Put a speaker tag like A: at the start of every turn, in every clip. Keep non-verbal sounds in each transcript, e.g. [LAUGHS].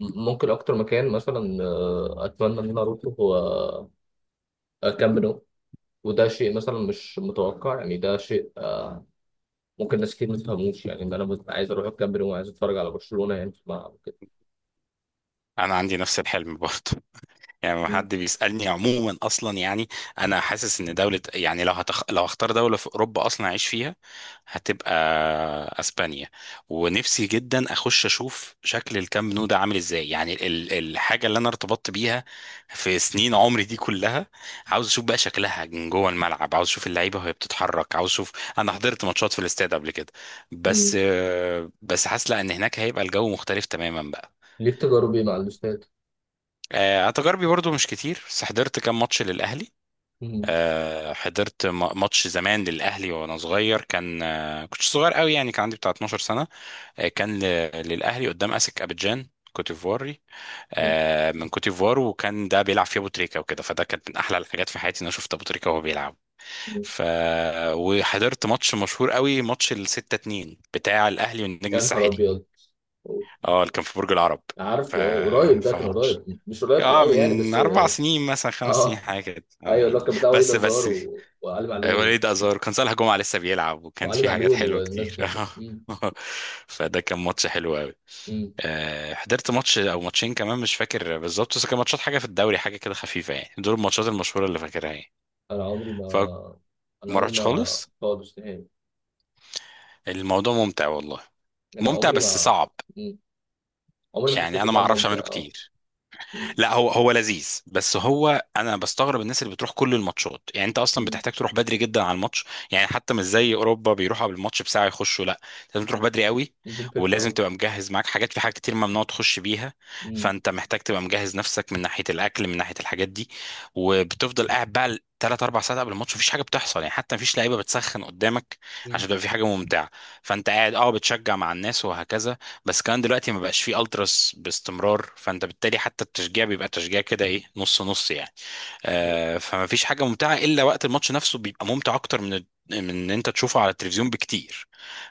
A: ممكن اكتر مكان مثلا اتمنى ان انا اروحه هو كامب نو. وده شيء مثلا مش متوقع يعني ده شيء ممكن ناس كتير ما تفهموش يعني ان انا ببقى عايز اروح الكامب نو وعايز اتفرج على برشلونة يعني في الملعب كده.
B: انا عندي نفس الحلم برضه. [LAUGHS] يعني لما حد بيسالني عموما اصلا، انا حاسس ان دوله، يعني لو هختار دوله في اوروبا اصلا اعيش فيها، هتبقى اسبانيا. ونفسي جدا اخش اشوف شكل الكامب نو ده عامل ازاي، يعني الحاجه اللي انا ارتبطت بيها في سنين عمري دي كلها. عاوز اشوف بقى شكلها من جوه الملعب، عاوز اشوف اللعيبه وهي بتتحرك، عاوز اشوف. انا حضرت ماتشات في الاستاد قبل كده، بس حاسس لا ان هناك هيبقى الجو مختلف تماما بقى.
A: ليك تجاربي مع الاستاد.
B: انا تجاربي برضو مش كتير، بس حضرت كام ماتش للاهلي.
A: مم.
B: حضرت ماتش زمان للاهلي وانا صغير كان، كنت صغير قوي يعني، كان عندي بتاع 12 سنه. كان للاهلي قدام اسك ابيجان، كوت ديفواري.
A: مم.
B: من كوت ديفوار، وكان ده بيلعب في ابو تريكه وكده، فده كانت من احلى الحاجات في حياتي ان انا شفت ابو تريكه وهو بيلعب.
A: مم.
B: ف وحضرت ماتش مشهور قوي، ماتش ال 6-2 بتاع الاهلي والنجم
A: يا نهار
B: الساحلي،
A: ابيض.
B: اه اللي كان في برج العرب. ف
A: عارفه، قريب، ده كان
B: فماتش
A: قريب مش قريب
B: اه
A: قوي يعني،
B: من
A: بس
B: اربع
A: اه.
B: سنين، مثلا خمس سنين،
A: آه،
B: حاجه كده اه،
A: ايوه، اللي هو
B: يعني
A: كان بتاع وليد
B: بس
A: ازار
B: بس.
A: وعلي معلول.
B: وليد ازار كان، صالح جمعه لسه بيلعب، وكان
A: وعلي
B: في حاجات
A: معلول
B: حلوه
A: والناس
B: كتير.
A: دي.
B: [LAUGHS]
A: مم.
B: اه، فده كان ماتش حلو قوي.
A: مم.
B: حضرت ماتش او ماتشين كمان، مش فاكر بالظبط، بس كان ماتشات حاجه في الدوري، حاجه كده خفيفه يعني. دول الماتشات المشهوره اللي فاكرها يعني.
A: انا عمري ما
B: فما
A: انا عمري
B: رحتش
A: ما
B: خالص.
A: خالص نهائي.
B: الموضوع ممتع والله،
A: انا
B: ممتع
A: عمري
B: بس
A: ما
B: صعب.
A: مم. عمري ما
B: يعني
A: حسيت
B: انا
A: ان
B: ما
A: هو
B: اعرفش
A: ممتع
B: اعمله
A: اه.
B: كتير.
A: مم.
B: لا هو لذيذ، بس هو انا بستغرب الناس اللي بتروح كل الماتشات. يعني انت اصلا
A: مم.
B: بتحتاج تروح بدري جدا على الماتش، يعني حتى مش زي اوروبا بيروحوا قبل الماتش بساعه يخشوا، لا لازم تروح
A: مم.
B: بدري قوي.
A: دي الفكره
B: ولازم
A: اه.
B: تبقى مجهز معاك حاجات، في حاجات كتير ممنوع تخش بيها.
A: مم.
B: فانت محتاج تبقى مجهز نفسك من ناحيه الاكل، من ناحيه الحاجات دي. وبتفضل قاعد بقى ثلاث اربع ساعات قبل الماتش، مفيش حاجه بتحصل يعني، حتى مفيش لعيبه بتسخن قدامك
A: مم.
B: عشان تبقى في حاجه ممتعه. فانت قاعد اه بتشجع مع الناس وهكذا. بس كمان دلوقتي ما بقاش فيه التراس باستمرار، فانت بالتالي حتى التشجيع بيبقى تشجيع كده ايه، نص نص يعني. فما فيش حاجه ممتعه الا وقت الماتش نفسه، بيبقى ممتع اكتر من ان انت تشوفه على التلفزيون بكتير.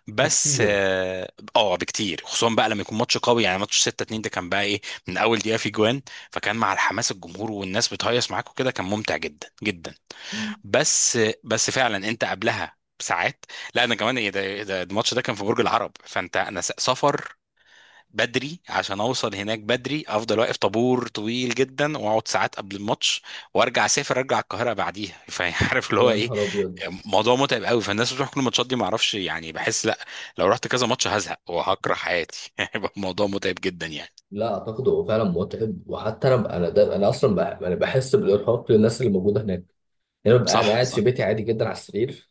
B: بس
A: بكتير.
B: اه، بكتير، خصوصا بقى لما يكون ماتش قوي. يعني ماتش 6-2 ده كان بقى ايه، من اول دقيقه في جوان. فكان مع الحماس الجمهور والناس بتهيص معاك وكده، كان ممتع جدا جدا.
A: مم.
B: بس فعلا انت قبلها بساعات، لا انا كمان ايه ده إيه ده، الماتش ده كان في برج العرب، فانت انا سفر بدري عشان اوصل هناك بدري، افضل واقف طابور طويل جدا، واقعد ساعات قبل الماتش، وارجع اسافر ارجع القاهره بعديها. [LAUGHS] فعارف اللي هو
A: يا
B: ايه،
A: نهار ابيض.
B: موضوع متعب قوي. فالناس بتروح كل الماتشات دي ما اعرفش يعني، بحس لا، لو رحت كذا ماتش هزهق وهكره حياتي. [LAUGHS] هيبقى الموضوع متعب جدا يعني.
A: لا اعتقد هو فعلا متعب، وحتى انا ب- انا ده انا اصلا بح- انا بحس بالارهاق للناس اللي موجوده هناك. يعني ببقى انا
B: صح،
A: قاعد في
B: صح.
A: بيتي عادي جدا على السرير،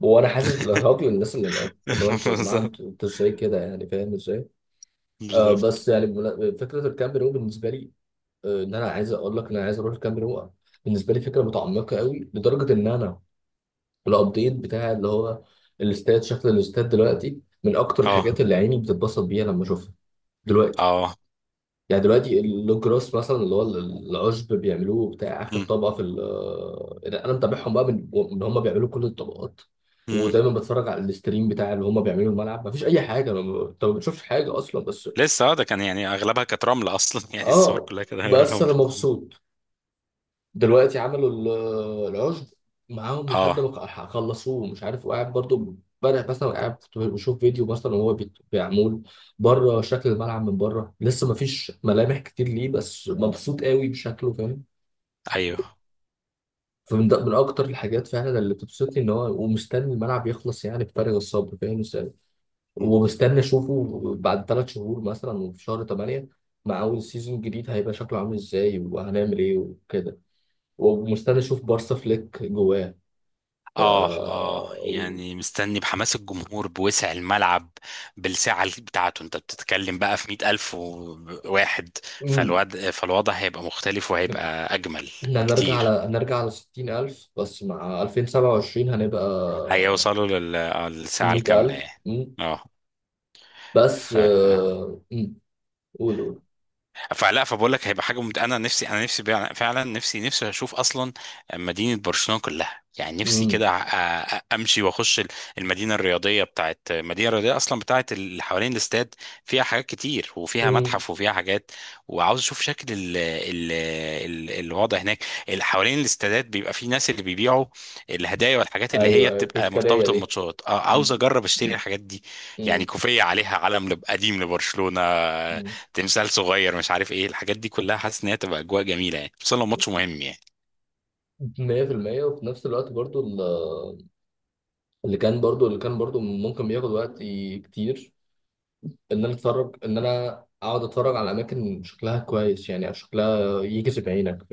A: وانا حاسس بالارهاق للناس اللي هناك. فاللي هو
B: [LAUGHS]
A: انتوا يا جماعه،
B: بالظبط،
A: انتوا ازاي كده يعني؟ فاهم ازاي؟
B: بالظبط.
A: بس يعني فكره الكامب ده بالنسبه لي، ان انا عايز اقول لك ان انا عايز اروح الكامب نو. بالنسبه لي فكره متعمقه قوي لدرجه ان انا الابديت بتاع اللي هو الاستاد، شكل الاستاد دلوقتي من اكتر
B: اه،
A: الحاجات اللي عيني بتتبسط بيها لما اشوفها دلوقتي.
B: اه.
A: يعني دلوقتي اللوجراس مثلا، اللي هو العشب بيعملوه بتاع اخر
B: مم.
A: طبقه في ال- آه، انا متابعهم بقى من هم بيعملوا كل الطبقات.
B: مم.
A: ودايما بتفرج على الاستريم بتاع اللي هم بيعملوه الملعب. مفيش اي حاجه، أنا ما- انت ما بتشوفش حاجه اصلا بس
B: لسه اه، ده كان يعني اغلبها كانت رمل اصلا. [LAUGHS] يعني الصور
A: اه.
B: كلها كده
A: بس
B: رمل.
A: انا مبسوط. دلوقتي عملوا العشب معاهم، لحد
B: اه.
A: ما خلصوه مش عارف، وقاعد برضو. امبارح مثلا قاعد كنت بشوف فيديو مثلا وهو بيعمل بره، شكل الملعب من بره لسه ما فيش ملامح كتير ليه، بس مبسوط قوي بشكله، فاهم؟
B: ايوه.
A: فمن ده، من اكتر الحاجات فعلا اللي بتبسطني ان هو، ومستني الملعب يخلص يعني بفارغ الصبر، فاهم ازاي؟ ومستني اشوفه بعد ثلاث شهور مثلا، وفي شهر 8 مع اول سيزون جديد، هيبقى شكله عامل ازاي، وهنعمل ايه وكده. ومستني اشوف بارسا فليك جواه. ف،
B: اه، اه. يعني مستني بحماس الجمهور، بوسع الملعب، بالسعة بتاعته. انت بتتكلم بقى في 100 ألف وواحد.
A: مم.
B: فالوضع هيبقى مختلف وهيبقى أجمل
A: إحنا هنرجع على
B: بكتير.
A: هنرجع على 60,000، بس مع 2027 هنبقى
B: هيوصلوا للساعة الكاملة
A: 100,000.
B: يعني.
A: مم.
B: اه.
A: بس
B: ف
A: مم. قول، قول.
B: فبقول لك هيبقى حاجه انا نفسي بيع- فعلا نفسي اشوف اصلا مدينه برشلونه كلها. يعني نفسي
A: مم.
B: كده امشي واخش المدينه الرياضيه المدينه الرياضيه اصلا، بتاعت اللي حوالين الاستاد، فيها حاجات كتير، وفيها
A: مم.
B: متحف، وفيها حاجات. وعاوز اشوف شكل الوضع هناك. اللي حوالين الاستادات بيبقى في ناس اللي بيبيعوا الهدايا والحاجات اللي
A: أيوه،
B: هي
A: أيوه،
B: بتبقى
A: التذكارية
B: مرتبطه
A: دي.
B: بالماتشات، عاوز
A: مم.
B: اجرب اشتري الحاجات دي. يعني
A: مم.
B: كوفيه عليها علم قديم لبرشلونه،
A: مم.
B: تمثال صغير، مش عارف ايه الحاجات دي كلها. حاسس ان هي تبقى اجواء جميله يعني، خصوصا لو ماتش مهم يعني.
A: 100%. وفي نفس الوقت برضو اللي كان برضو ممكن بياخد وقت كتير. إن أنا أقعد أتفرج على أماكن شكلها كويس يعني، شكلها يجذب عينك.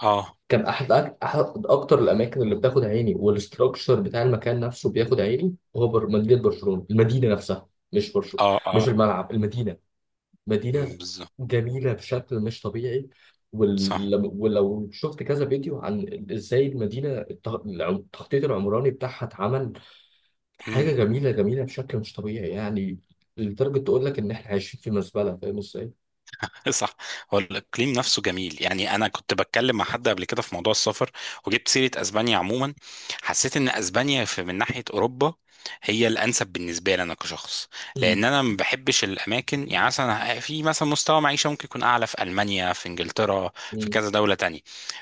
B: اه،
A: كان احد احد اكتر الاماكن اللي بتاخد عيني، والاستراكشر بتاع المكان نفسه بياخد عيني، هو مدينه برشلونه، المدينه نفسها مش برشلونه.
B: اه، اه.
A: مش الملعب، المدينه. مدينه
B: مم، بالظبط.
A: جميله بشكل مش طبيعي.
B: صح.
A: ولو شفت كذا فيديو عن ازاي المدينه التخطيط العمراني بتاعها اتعمل،
B: امم.
A: حاجه جميله، جميله بشكل مش طبيعي يعني. لدرجه تقول لك ان احنا عايشين في مزبله، فاهم ازاي؟
B: [LAUGHS] صح. هو الاقليم نفسه جميل. يعني انا كنت بتكلم مع حد قبل كده في موضوع السفر، وجبت سيره اسبانيا عموما. حسيت ان اسبانيا في، من ناحيه اوروبا، هي الانسب بالنسبه لي انا كشخص.
A: مم.
B: لان انا ما بحبش الاماكن، يعني مثلا في مثلا مستوى معيشه ممكن يكون اعلى في المانيا، في انجلترا، في
A: مم.
B: كذا دوله تانية،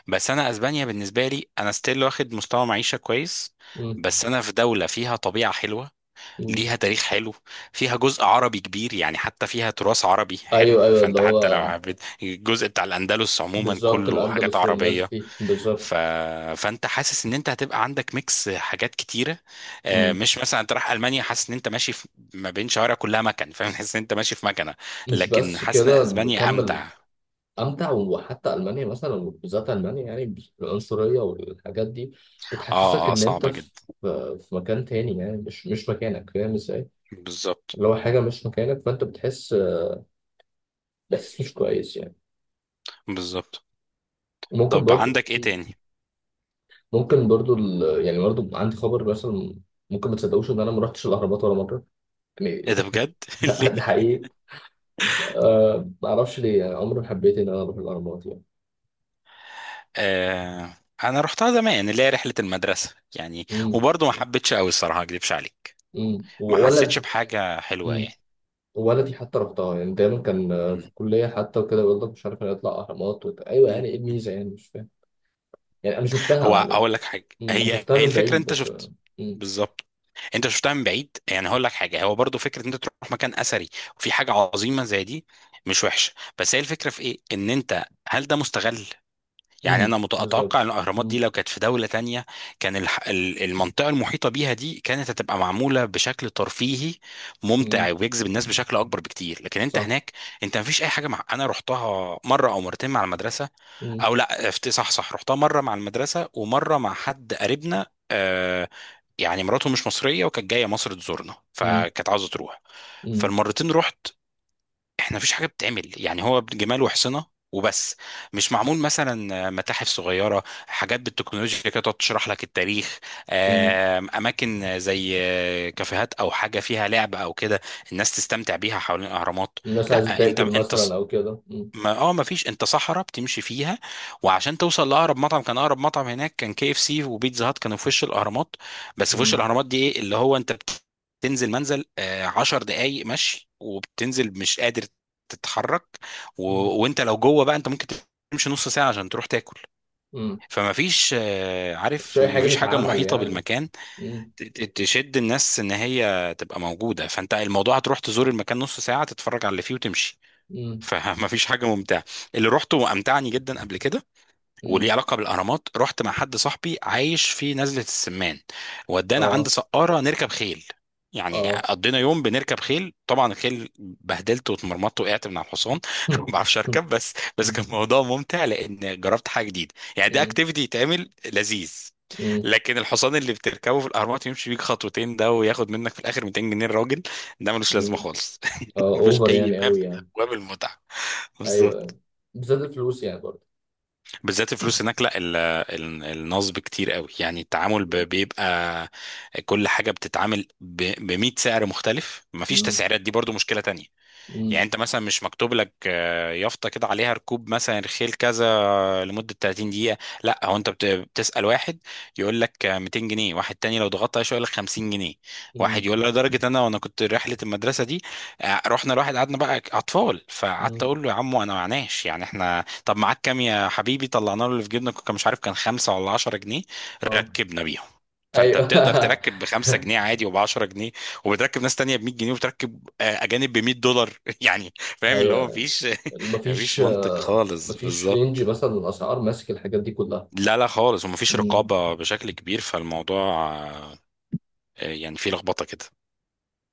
B: بس انا اسبانيا بالنسبه لي انا ستيل واخد مستوى معيشه كويس،
A: مم.
B: بس انا في دوله فيها طبيعه حلوه،
A: مم.
B: ليها تاريخ حلو، فيها جزء عربي كبير، يعني حتى فيها تراث عربي حلو.
A: ايوه، ايوه اللي
B: فانت حتى لو
A: هو
B: حبيت الجزء بتاع الاندلس عموما،
A: بالظبط،
B: كله حاجات
A: الأندلس والناس
B: عربيه.
A: دي بالظبط.
B: ف... فانت حاسس ان انت هتبقى عندك ميكس حاجات كتيره.
A: مم.
B: مش مثلا انت رايح المانيا حاسس ان انت ماشي في ما بين شوارع كلها مكن، فاهم، حاسس ان انت ماشي في مكنه.
A: مش
B: لكن
A: بس
B: حاسس ان
A: كده،
B: اسبانيا
A: كمل.
B: امتع.
A: أمتع. وحتى ألمانيا مثلا، وبالذات ألمانيا يعني، العنصرية والحاجات دي بتحسسك
B: اه، اه،
A: إن أنت
B: صعبه
A: في،
B: جدا.
A: في مكان تاني يعني، مش مكانك، فاهم إزاي؟
B: بالظبط،
A: اللي هو حاجة مش مكانك، فأنت بتحس بإحساس مش كويس يعني.
B: بالظبط.
A: ممكن
B: طب
A: برضو،
B: عندك ايه
A: مم.
B: تاني؟
A: ممكن برضو ال... يعني برضو عندي خبر مثلا، ممكن ما تصدقوش إن أنا ما رحتش الأهرامات ولا مرة يعني.
B: ايه ده، بجد؟ [LAUGHS] ليه؟
A: [LAUGHS] ده حقيقي. أه، ما أعرفش ليه، يعني عمري ما حبيت إن أنا أروح الأهرامات يعني.
B: آه. انا رحتها زمان اللي هي رحله المدرسه يعني،
A: امم.
B: وبرضه ما حبيتش قوي الصراحه، ما اكدبش عليك،
A: امم،
B: ما حسيتش
A: وولدي.
B: بحاجه حلوه
A: امم،
B: يعني.
A: وولدي حتى رحتها، يعني دايما كان، في
B: م.
A: الكليه حتى وكده، يقول لك مش عارف أنا يطلع اهرامات، وت... ايوه، يعني ايه
B: م.
A: الميزه يعني، مش فاهم. يعني انا
B: هو
A: شفتها انا.
B: اقول لك حاجه،
A: مم، أنا شفتها
B: هي
A: من
B: الفكره
A: بعيد
B: انت
A: بس.
B: شفت.
A: امم.
B: بالظبط، انت شفتها من بعيد. يعني هقول لك حاجه، هو برضو فكره ان انت تروح مكان اثري وفي حاجه عظيمه زي دي، مش وحشه، بس هي الفكره في ايه، ان انت هل ده مستغل؟ يعني
A: امم،
B: انا اتوقع ان
A: بالظبط.
B: الاهرامات دي
A: امم.
B: لو كانت في دوله تانية، كان المنطقه المحيطه بيها دي كانت هتبقى معموله بشكل ترفيهي ممتع
A: امم.
B: ويجذب الناس بشكل اكبر بكتير. لكن انت
A: صح.
B: هناك، انت مفيش اي حاجه. انا رحتها مره او مرتين مع المدرسه،
A: امم.
B: او لا صح، صح، رحتها مره مع المدرسه ومره مع حد قريبنا. آه، يعني مراته مش مصريه وكانت جايه مصر تزورنا،
A: امم.
B: فكانت عاوزه تروح.
A: امم.
B: فالمرتين رحت. احنا مفيش حاجه بتتعمل، يعني هو جمال وحصنه وبس. مش معمول مثلا متاحف صغيره، حاجات بالتكنولوجيا كده تقعد تشرح لك التاريخ،
A: أمم.
B: اماكن زي كافيهات او حاجه فيها لعب او كده، الناس تستمتع بيها حوالين الاهرامات.
A: الناس عايزه
B: لا انت،
A: تاكل مثلا او كده، امم.
B: ما اه ما فيش. انت صحراء بتمشي فيها، وعشان توصل لاقرب مطعم، كان اقرب مطعم هناك كان كي اف سي وبيتزا هات، كانوا في وش الاهرامات. بس في وش
A: امم.
B: الاهرامات دي ايه اللي هو، انت بتنزل 10 دقايق مشي وبتنزل مش قادر تتحرك. و...
A: امم.
B: وانت لو جوه بقى، انت ممكن تمشي نص ساعة عشان تروح تاكل.
A: أمم.
B: فما فيش
A: مفيش
B: عارف
A: اي
B: ما
A: حاجه
B: فيش حاجة
A: تتعمل
B: محيطة
A: يعني،
B: بالمكان
A: امم.
B: تشد الناس ان هي تبقى موجودة. فانت الموضوع هتروح تزور المكان نص ساعة، تتفرج على اللي فيه وتمشي.
A: امم.
B: فما فيش [LAUGHS] حاجه ممتعه. اللي روحته وامتعني جدا قبل كده وليه
A: امم.
B: علاقه بالاهرامات، رحت مع حد صاحبي عايش في نزله السمان، ودانا عند
A: اه.
B: سقاره نركب خيل. يعني
A: اه.
B: قضينا يوم بنركب خيل، طبعا الخيل بهدلت واتمرمطت، وقعت من على الحصان. [LAUGHS] ما
A: [LAUGHS]
B: بعرفش
A: امم.
B: اركب بس، بس كان موضوع ممتع لان جربت حاجه جديده، يعني ده
A: امم.
B: اكتيفيتي يتعمل لذيذ. لكن الحصان اللي بتركبه في الاهرامات يمشي بيك خطوتين ده وياخد منك في الاخر 200 جنيه، الراجل ده ملوش لازمه
A: امم.
B: خالص. [LAUGHS]
A: اه،
B: مفيش
A: اوفر
B: اي
A: يعني
B: باب من
A: قوي يعني.
B: ابواب المتعه.
A: ايوه،
B: بالظبط.
A: ايوه، بالذات الفلوس يعني برضه.
B: بالذات الفلوس هناك، لا النصب كتير قوي يعني، التعامل بيبقى كل حاجة بتتعامل ب 100 سعر مختلف، مفيش
A: امم.
B: تسعيرات، دي برضو مشكلة تانية. يعني
A: امم.
B: انت مثلا مش مكتوب لك، يافطه كده عليها ركوب مثلا رخيل كذا لمده 30 دقيقه، لا هو انت بتسال واحد يقول لك 200 جنيه، واحد تاني لو ضغطت عليه شويه يقول لك 50 جنيه، واحد
A: امم.
B: يقول لك، لدرجه انا وانا كنت رحله المدرسه دي، رحنا لواحد قعدنا بقى اطفال، فقعدت
A: امم.
B: اقول له يا عمو انا معناش، يعني احنا طب معاك كام يا حبيبي، طلعنا له اللي في جيبنا كان، مش عارف كان 5 ولا 10 جنيه،
A: اه.
B: ركبنا بيهم. فانت
A: ايوه.
B: بتقدر
A: [LAUGHS]
B: تركب ب5 جنيه عادي، وب10 جنيه، وبتركب ناس تانية ب 100 جنيه، وبتركب اجانب ب 100 دولار [LAUGHS] يعني، فاهم اللي هو
A: ايوه.
B: مفيش [LAUGHS]
A: مفيش
B: مفيش منطق خالص،
A: مفيش رينج
B: بالظبط.
A: مثلا، الاسعار ماسك الحاجات دي كلها.
B: لا، لا خالص، ومفيش رقابة بشكل كبير فالموضوع، آه، يعني فيه لخبطة كده.